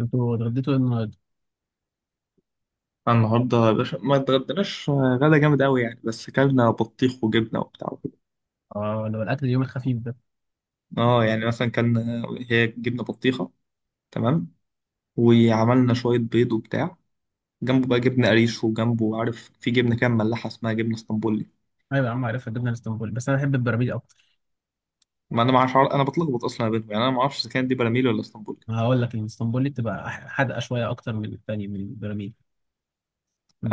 انتوا اتغديتوا ايه النهارده؟ أنا النهارده يا باشا ما اتغدناش غدا جامد قوي يعني، بس كلنا بطيخ وجبنه وبتاع وكده. اه، لو الاكل اليوم الخفيف ده. اه، يعني مثلا كان. هي جبنه بطيخه. تمام. وعملنا شويه بيض وبتاع. جنبه بقى جبنه قريش، وجنبه عارف في جبنه كده مملحه اسمها جبنه اسطنبولي. ايوه يا عم عارفها الجبنه الاسطنبولي، بس انا بحب البراميل اكتر. ما انا ما اعرفش، انا بتلخبط اصلا ما بينهم يعني، انا ما اعرفش اذا كانت دي براميل ولا اسطنبولي. ما هقول لك الاسطنبولي بتبقى حادقه شويه اكتر من الثانيه من البراميل.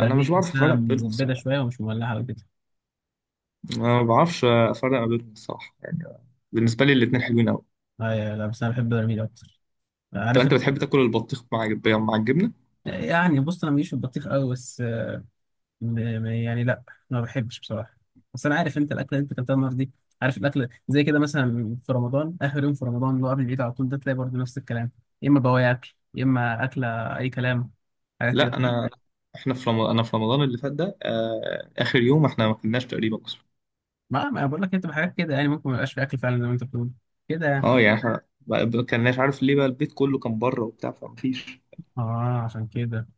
انا مش بعرف افرق تحسها ما بينهم مزبده الصراحه. شويه ومش مولعه كده. أنا ما بعرفش افرق ما بينهم الصراحه يعني. بالنسبه لي الاتنين حلوين قوي. ايوه، لا بس انا بحب البراميل اكتر. طب عارف انت بتحب تاكل البطيخ مع الجبنه؟ يعني بص انا ماليش في البطيخ قوي، بس يعني لا، ما بحبش بصراحه. بس انا عارف انت الاكله اللي انت اكلتها النهارده دي. عارف الاكل زي كده مثلا في رمضان، اخر يوم في رمضان اللي هو قبل العيد على طول ده تلاقي برضه نفس الكلام. يا اما بواقي اكل يا اما اكله، اي كلام، حاجات كده. لا انا. احنا في رمضان انا في رمضان اللي فات ده اخر يوم احنا ما كناش تقريبا اصلا. ما بقول لك هي بتبقى حاجات كده، يعني ممكن ما يبقاش في اكل فعلا زي ما انت بتقول كده يعني. اه يعني احنا ما كناش، عارف ليه؟ بقى البيت كله كان بره وبتاع فمفيش. اه عشان كده.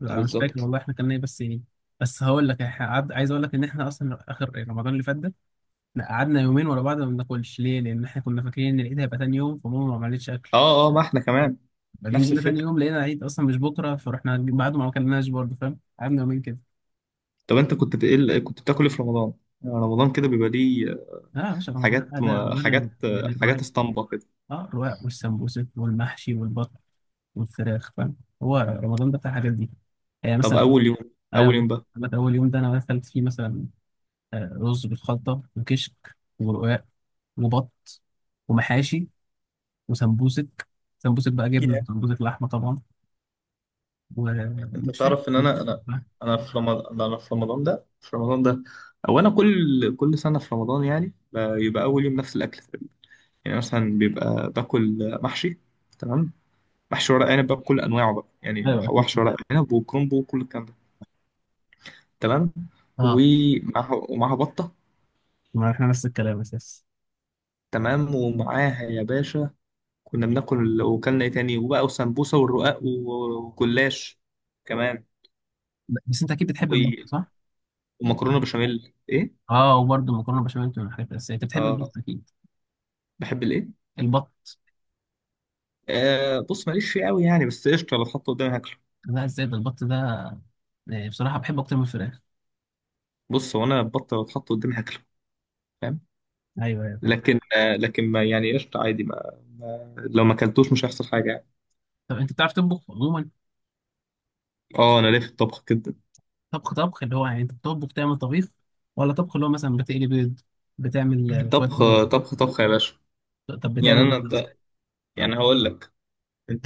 لا أنا مش فاكر بالظبط. والله احنا كنا ايه، بس ايه. بس هقول لك إحنا عايز اقول لك ان احنا اصلا اخر رمضان اللي فات ده، لا قعدنا يومين ورا بعض ما بناكلش. ليه؟ لان احنا كنا فاكرين ان العيد هيبقى تاني يوم، فماما ما عملتش اكل. اه، اه، ما احنا كمان. بعدين نفس جينا تاني الفكره. يوم لقينا العيد اصلا مش بكره، فرحنا بعده ما اكلناش برضه، فاهم؟ قعدنا يومين كده. طب انت كنت كنت بتاكل إيه في رمضان؟ يعني رمضان كده بيبقى ليه؟ لا يا باشا، رمضان حاجات لا لا، رمضان يعني حاجات يعني الرواق. حاجات اسطمبه كده. اه، الرواق والسمبوسك والمحشي والبط والفراخ، فاهم؟ هو رمضان ده بتاع الحاجات دي يعني طب مثلا. اول يوم. اول ايوه. يوم بقى. بقى اول يوم ده انا اكلت فيه مثلا رز بالخلطه وكشك ورقاق وبط ومحاشي وسمبوسك، سمبوسك بقى yeah. جبنه وسمبوسك لحمه طبعا. انت ومش فاكر، تعرف ان مش انا فاكر انا بقى. انا في رمضان انا في رمضان ده في رمضان ده، او انا كل سنه في رمضان يعني بيبقى اول يوم نفس الاكل. يعني مثلا بيبقى باكل محشي. تمام. محشي ورق عنب بقى بكل انواعه بقى، يعني ايوه اكيد محشي ورق كده. عنب وكرومبو وكل الكلام ده. تمام. اه، ومعاها بطه. ما احنا نفس الكلام اساس. تمام، ومعاها يا باشا كنا بناكل، وكلنا ايه تاني؟ وبقى وسمبوسه والرقاق وجلاش كمان، بس انت اكيد بتحب البط، و- صح؟ ومكرونه بشاميل ايه. اه، وبرده مكرونه بشاميل من الحاجات الاساسيه، انت بتحب البط اه اكيد. بحب الايه؟ البط. آه، بص ماليش فيه قوي يعني، بس قشطه لو اتحط قدامي هاكله. لا ازاي ده، البط ده بصراحه بحبه اكتر من الفراخ. بص هو انا البطه لو اتحط قدامي هاكله. فاهم. ايوه ايوه فاهم. لكن ما يعني، قشطة عادي ما. لو ما اكلتوش مش هيحصل حاجة يعني. طب انت بتعرف تطبخ عموما؟ اه انا ليه في الطبخ كده. طبخ طبخ اللي هو يعني انت بتطبخ تعمل طبيخ، ولا طبخ اللي هو مثلا بتقلي بيض، بتعمل شويه بيض؟ طبخ طبخ طبخ يا باشا. طب يعني انا بتعمل؟ انت. يعني هقول لك. انت.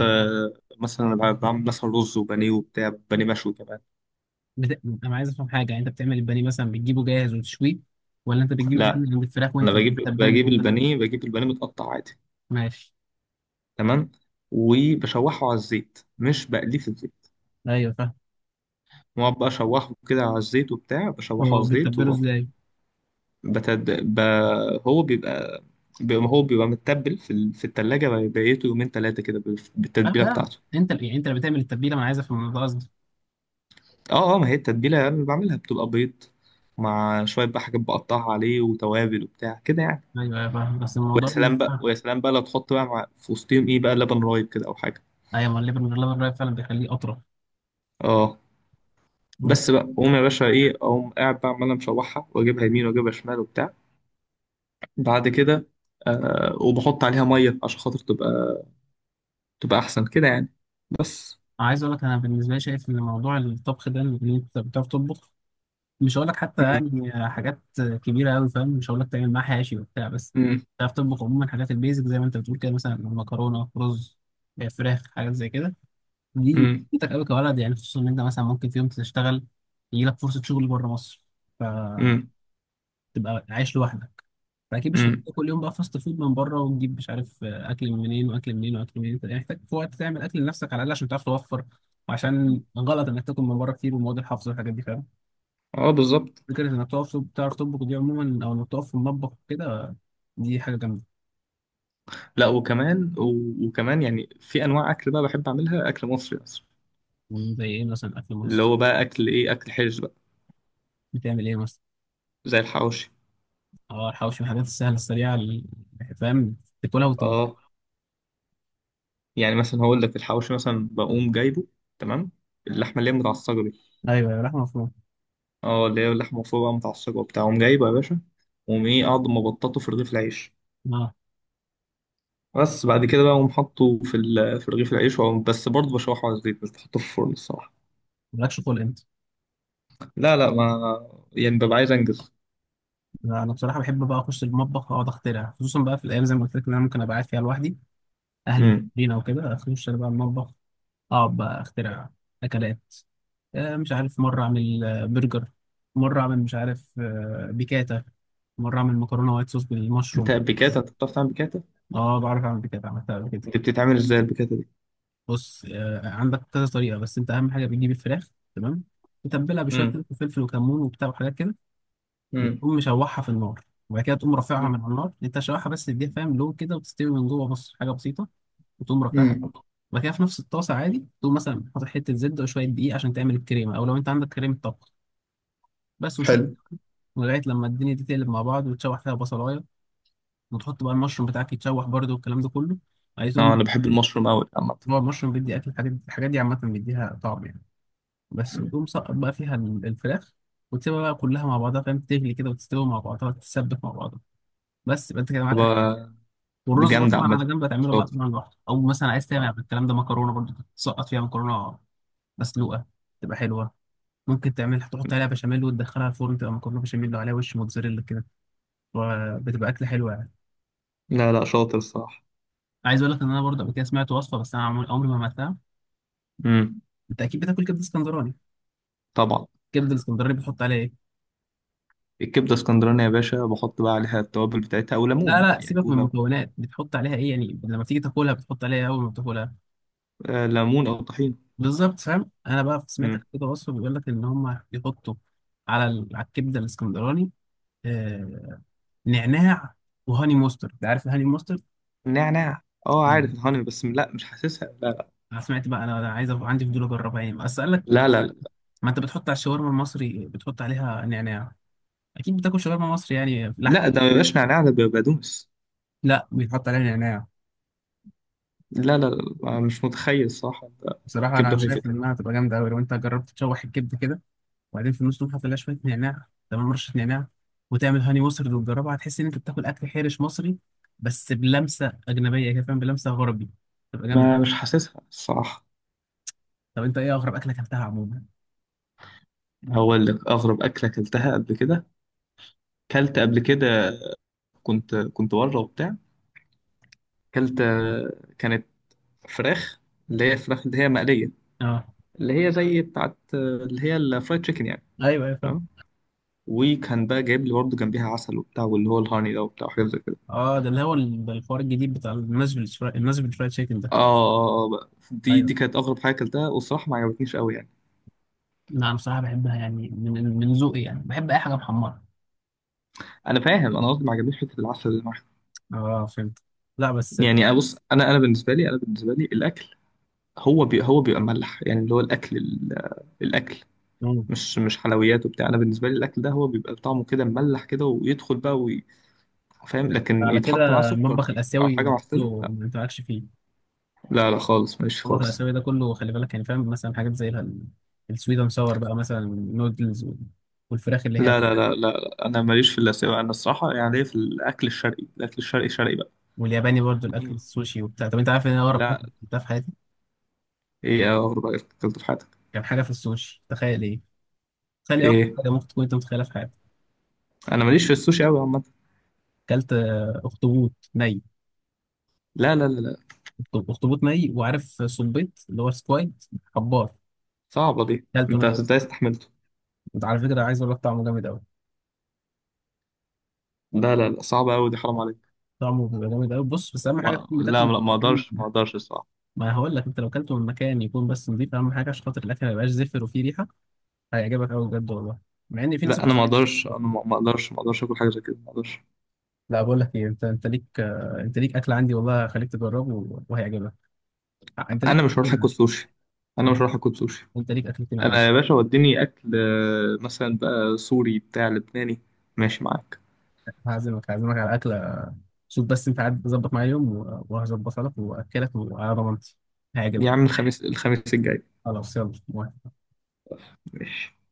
مثلا أنا بعمل مثلا رز وبانيه وبتاع، بانيه مشوي كمان. انا عايز افهم حاجه، يعني انت بتعمل البانيه مثلا بتجيبه جاهز وتشويه، ولا انت بتجيب البانيه لا، من عند الفراخ انا وانت بجيب، بتتبله وانت البانيه متقطع عادي. ماشي. تمام. وبشوحه على الزيت، مش بقليه في الزيت. ايوه فاهم. واقعد بقى اشوحه كده على الزيت وبتاع، بشوحه على هو الزيت. بتتبله ازاي؟ بتد... ب... هو بيبقى. هو بيبقى متبل في التلاجة بقيته يومين تلاتة كده اه بالتتبيلة فاهم، بتاعته. انت يعني انت اللي بتعمل التتبيله، ما انا عايز افهم ده قصدي. اه اه، ما هي التتبيلة اللي بعملها بتبقى بيض، مع شوية بقى حاجات بقطعها عليه وتوابل وبتاع كده يعني. ايوه ايوه فاهم، بس الموضوع. ويا سلام بقى، ويا سلام بقى لو تحط بقى في وسطهم ايه بقى، لبن رايب كده او حاجة. ايوه، ما الليفر من غير لبن رايب فعلا بيخليه اطرى. اه. مم. بس بقى قوم يا باشا، ايه؟ اقوم قاعد بقى عمال مشوحها، واجيبها يمين واجيبها شمال وبتاع. بعد كده وبحط عليها مية عشان خاطر تبقى، تبقى احسن كده يعني. بس. عايز اقول لك انا بالنسبه لي شايف ان موضوع الطبخ ده ان انت بتعرف تطبخ، مش هقول لك حتى يعني حاجات كبيره قوي، فاهم؟ مش هقول لك تعمل معاه حاشي وبتاع، بس مم. تعرف تطبخ عموما حاجات البيزك زي ما انت بتقول كده، مثلا مكرونه، رز، فراخ، حاجات زي كده. دي امم بتفيدك قوي كولد يعني، خصوصا ان انت مثلا ممكن في يوم تشتغل، يجي لك فرصه شغل بره مصر، فتبقى امم عايش لوحدك، فاكيد مش امم. هتطلع كل يوم بقى فاست فود من بره وتجيب مش عارف اكل من منين واكل منين واكل منين. انت محتاج في وقت تعمل اكل لنفسك على الاقل، عشان تعرف توفر وعشان غلط انك تاكل من بره كتير ومواد الحافظ والحاجات دي، فاهم؟ اه بالظبط. فكرة إنك تقف تعرف تطبخ دي عموما، أو إنك تقف في المطبخ كده، دي حاجة جامدة. لا، وكمان يعني في انواع اكل بقى بحب اعملها، اكل مصري اصلا. يعني زي إيه مثلا أكل اللي مصر؟ هو بقى اكل ايه، اكل حرش بقى. بتعمل إيه مثلا؟ زي الحواوشي. أه الحواوشي من الحاجات السهلة السريعة فاهم، تاكلها وتطبخ. اه، يعني مثلا هقول لك، الحواوشي مثلا بقوم جايبه. تمام. اللحمه اللي هي متعصجه دي. أيوه، يا لحمة مفرومة. اه، اللي هي اللحمه مفرومه بقى متعصجه وبتاع، اقوم جايبه يا باشا، واقوم ايه، اقعد مبططه في رغيف العيش. أه. بس بعد كده بقى اقوم حاطه في رغيف العيش، بس برضه بشوحه على الزيت، مش بحطه في الفرن الصراحه. مالكش خلق أنت. لا لا، ما يعني ببقى عايز انجز. لا، أنا بصراحة بحب بقى أخش المطبخ أقعد أخترع، خصوصا بقى في الأيام زي ما قلت لك إن أنا ممكن أبقى قاعد فيها لوحدي، أهلي امم. مسافرين أو كده، أخش أنا بقى المطبخ، اقعد بقى اخترع اكلات. مش عارف مره اعمل برجر، مره اعمل مش عارف بيكاتا، مره اعمل مكرونه وايت صوص انت بالمشروم. بيكاتا، انت بتعرف تعمل بيكاتا؟ اه بعرف اعمل بيكاتا، عملتها قبل كده. انت بتتعمل ازاي البيكاتا دي؟ بص عندك كذا طريقه، بس انت اهم حاجه بتجيب الفراخ، تمام، تتبلها بشويه امم ملح وفلفل وكمون وبتاع وحاجات كده، امم وتقوم مشوحها في النار، وبعد كده تقوم رافعها امم. من على النار، انت شوحها بس تديها فاهم لون كده وتستوي من جوه، بص حاجه بسيطه. وتقوم رافعها، أمم. بعد كده في نفس الطاسه عادي تقوم مثلا حاطط حته زبده وشويه دقيق عشان تعمل الكريمه، او لو انت عندك كريمه طبخ بس وشويه، حلو. لغايه لما الدنيا دي تقلب مع بعض، وتشوح فيها بصلايه، وتحط بقى المشروم بتاعك يتشوح برده والكلام ده كله. عايز اه تقوم، انا بحب المشروم قوي عامه. هو المشروم بيدي اكل الحاجات دي، الحاجات دي عامه بيديها طعم يعني. بس وتقوم سقط بقى فيها الفراخ، وتسيبها بقى كلها مع بعضها، فاهم؟ تغلي كده وتستوي مع بعضها وتتسبك مع بعضها، بس يبقى انت كده طب، معاك أكل. دي والرز بقى جامده طبعا عامه. على جنب هتعمله بقى شاطر. طبعا لوحده، او مثلا عايز تعمل آه. الكلام ده مكرونه برضه، تسقط فيها مكرونه مسلوقه، تبقى حلوه، ممكن تعملها تحط مم. عليها بشاميل وتدخلها الفرن تبقى مكرونه بشاميل وعليها وش موتزاريلا كده، وبتبقى اكله حلوه يعني. لا لا، شاطر الصراحه. عايز اقول لك ان انا برضه قبل كده سمعت وصفه، بس انا عمري ما عملتها. امم. انت اكيد بتاكل كبده اسكندراني. طبعا. الكبده الاسكندراني بتحط عليها ايه؟ الكبده اسكندراني يا باشا، بحط بقى عليها التوابل بتاعتها، او لا ليمون لا يعني، سيبك او من المكونات، بتحط عليها ايه يعني لما تيجي تاكلها، بتحط عليها إيه اول ما بتاكلها؟ ليمون او طحينه. بالظبط، فاهم؟ انا بقى سمعت امم. كده وصفه بيقول لك ان هم يحطوا على على الكبده الاسكندراني آه نعناع، وهاني مستر. انت عارف الهاني مستر؟ نعناع. اه عارف الهاني، بس لا مش حاسسها، لا انا سمعت بقى، انا أنا عايز أبقى عندي فضول اجربها يعني، بس قال لك ما لا لا لا. انت بتحط على الشاورما المصري بتحط عليها نعناع، اكيد بتاكل شاورما مصري يعني لحم. لا ده ما بيبقاش نعناع، ده بيبقى بقدونس. لا بيتحط عليها نعناع. لا لا لا، مش متخيل صح ده. بصراحه انا كبده وهي كده. شايف انها هتبقى جامده قوي لو انت جربت تشوح الكبده كده، وبعدين في النص تقوم حاطط لها شويه نعناع، تمام، رشه نعناع، وتعمل هاني مصري وتجربها، هتحس ان انت بتاكل اكل حرش مصري بس بلمسه اجنبيه كده، فاهم؟ بلمسه غربي، تبقى جامده. ما مش حاسسها الصراحة. طب انت ايه اغرب اكله اكلتها عموما؟ هقول لك أغرب أكلة أكلتها قبل كده. كلت قبل كده، كنت بره وبتاع، كلت كانت فراخ، اللي هي فراخ اللي هي مقلية. اه اللي هي زي بتاعت اللي هي الفرايد تشيكن يعني. ايوه ايوه فاهم. تمام. وكان بقى جايب لي برضه جنبيها عسل وبتاع، واللي هو الهاني ده وبتاع وحاجات زي كده. اه ده اللي هو ده الحوار الجديد بتاع الناشفيل، الناشفيل فرايد تشيكن ده. اه اه اه بقى. دي ايوه. كانت أغرب حاجة أكلتها، والصراحة ما عجبتنيش قوي يعني. نعم، بصراحة بحبها يعني من من ذوقي يعني، بحب أي حاجة محمرة. أنا فاهم، أنا قصدي ما عجبنيش فكرة العسل اللي معاها. اه فهمت. لا بس. يعني أبص، أنا بالنسبة لي الأكل، هو بيبقى ملح يعني، اللي هو الاكل الاكل، مم. مش حلويات وبتاع. انا بالنسبه لي الاكل ده هو بيبقى طعمه كده مملح كده ويدخل بقى فاهم؟ لكن على يتحط معاه كده سكر المطبخ دي او حاجه الاسيوي معفنه، كله لا. ما انتعكش فيه. لا لا، خالص ماليش المطبخ خالص. الاسيوي ده كله خلي بالك يعني، فاهم؟ مثلا حاجات زي السويد اند ساور بقى، مثلا النودلز والفراخ اللي هي، لا لا لا لا، انا ماليش في الاسيوي، انا الصراحه يعني ليا في الاكل الشرقي، الاكل الشرقي شرقي بقى. والياباني برضو الاكل مم. السوشي وبتاع. طب انت عارف ان انا اقرب لا. اكل كلتها في حياتي ايه اغرب أكل اكلته في حياتك؟ كان حاجه في السوشي؟ تخيل ايه، تخيل ايه اكتر ايه؟ حاجه ممكن تكون انت متخيلها في حياتك. انا ماليش في السوشي قوي عامه. اكلت اخطبوط ني. لا لا لا لا، اخطبوط ني، وعارف صبيط اللي هو سكويد، حبار. صعبه دي، اكلته انت ني، ازاي استحملته؟ انت على فكره عايز اقول لك طعمه جامد قوي، لا لا لا، صعبه قوي دي، حرام عليك. طعمه بيبقى جامد قوي، بص بس اهم حاجه ما... تكون لا بتاكله لا، ما اقدرش في- ما اقدرش. ما هقول لك انت لو اكلته من مكان يكون بس نضيف، اهم حاجه عشان خاطر الاكل ما يبقاش زفر وفيه ريحه، هيعجبك قوي بجد والله. مع ان في ناس لا انا ما اقدرش، انا ما اقدرش ما اقدرش اكل حاجه زي كده، ما اقدرش. لا بقول لك ايه، انت انت ليك انت ليك اكل عندي والله، هخليك تجربه وهيعجبك. انت ليك انا مش هروح اكلتين اكل عندي. سوشي. انا انت، مش هروح اكل سوشي. انت ليك اكلتين عندي. انا يا باشا وديني اكل مثلا بقى سوري، بتاع لبناني. ماشي معاك. هعزمك، هعزمك على اكله. شوف بس انت قاعد ظبط معايا يوم وهظبطها لك واكلك، وعلى ضمانتي هيعجبك. يا عم الخميس الجاي. خلاص يلا موافق. ماشي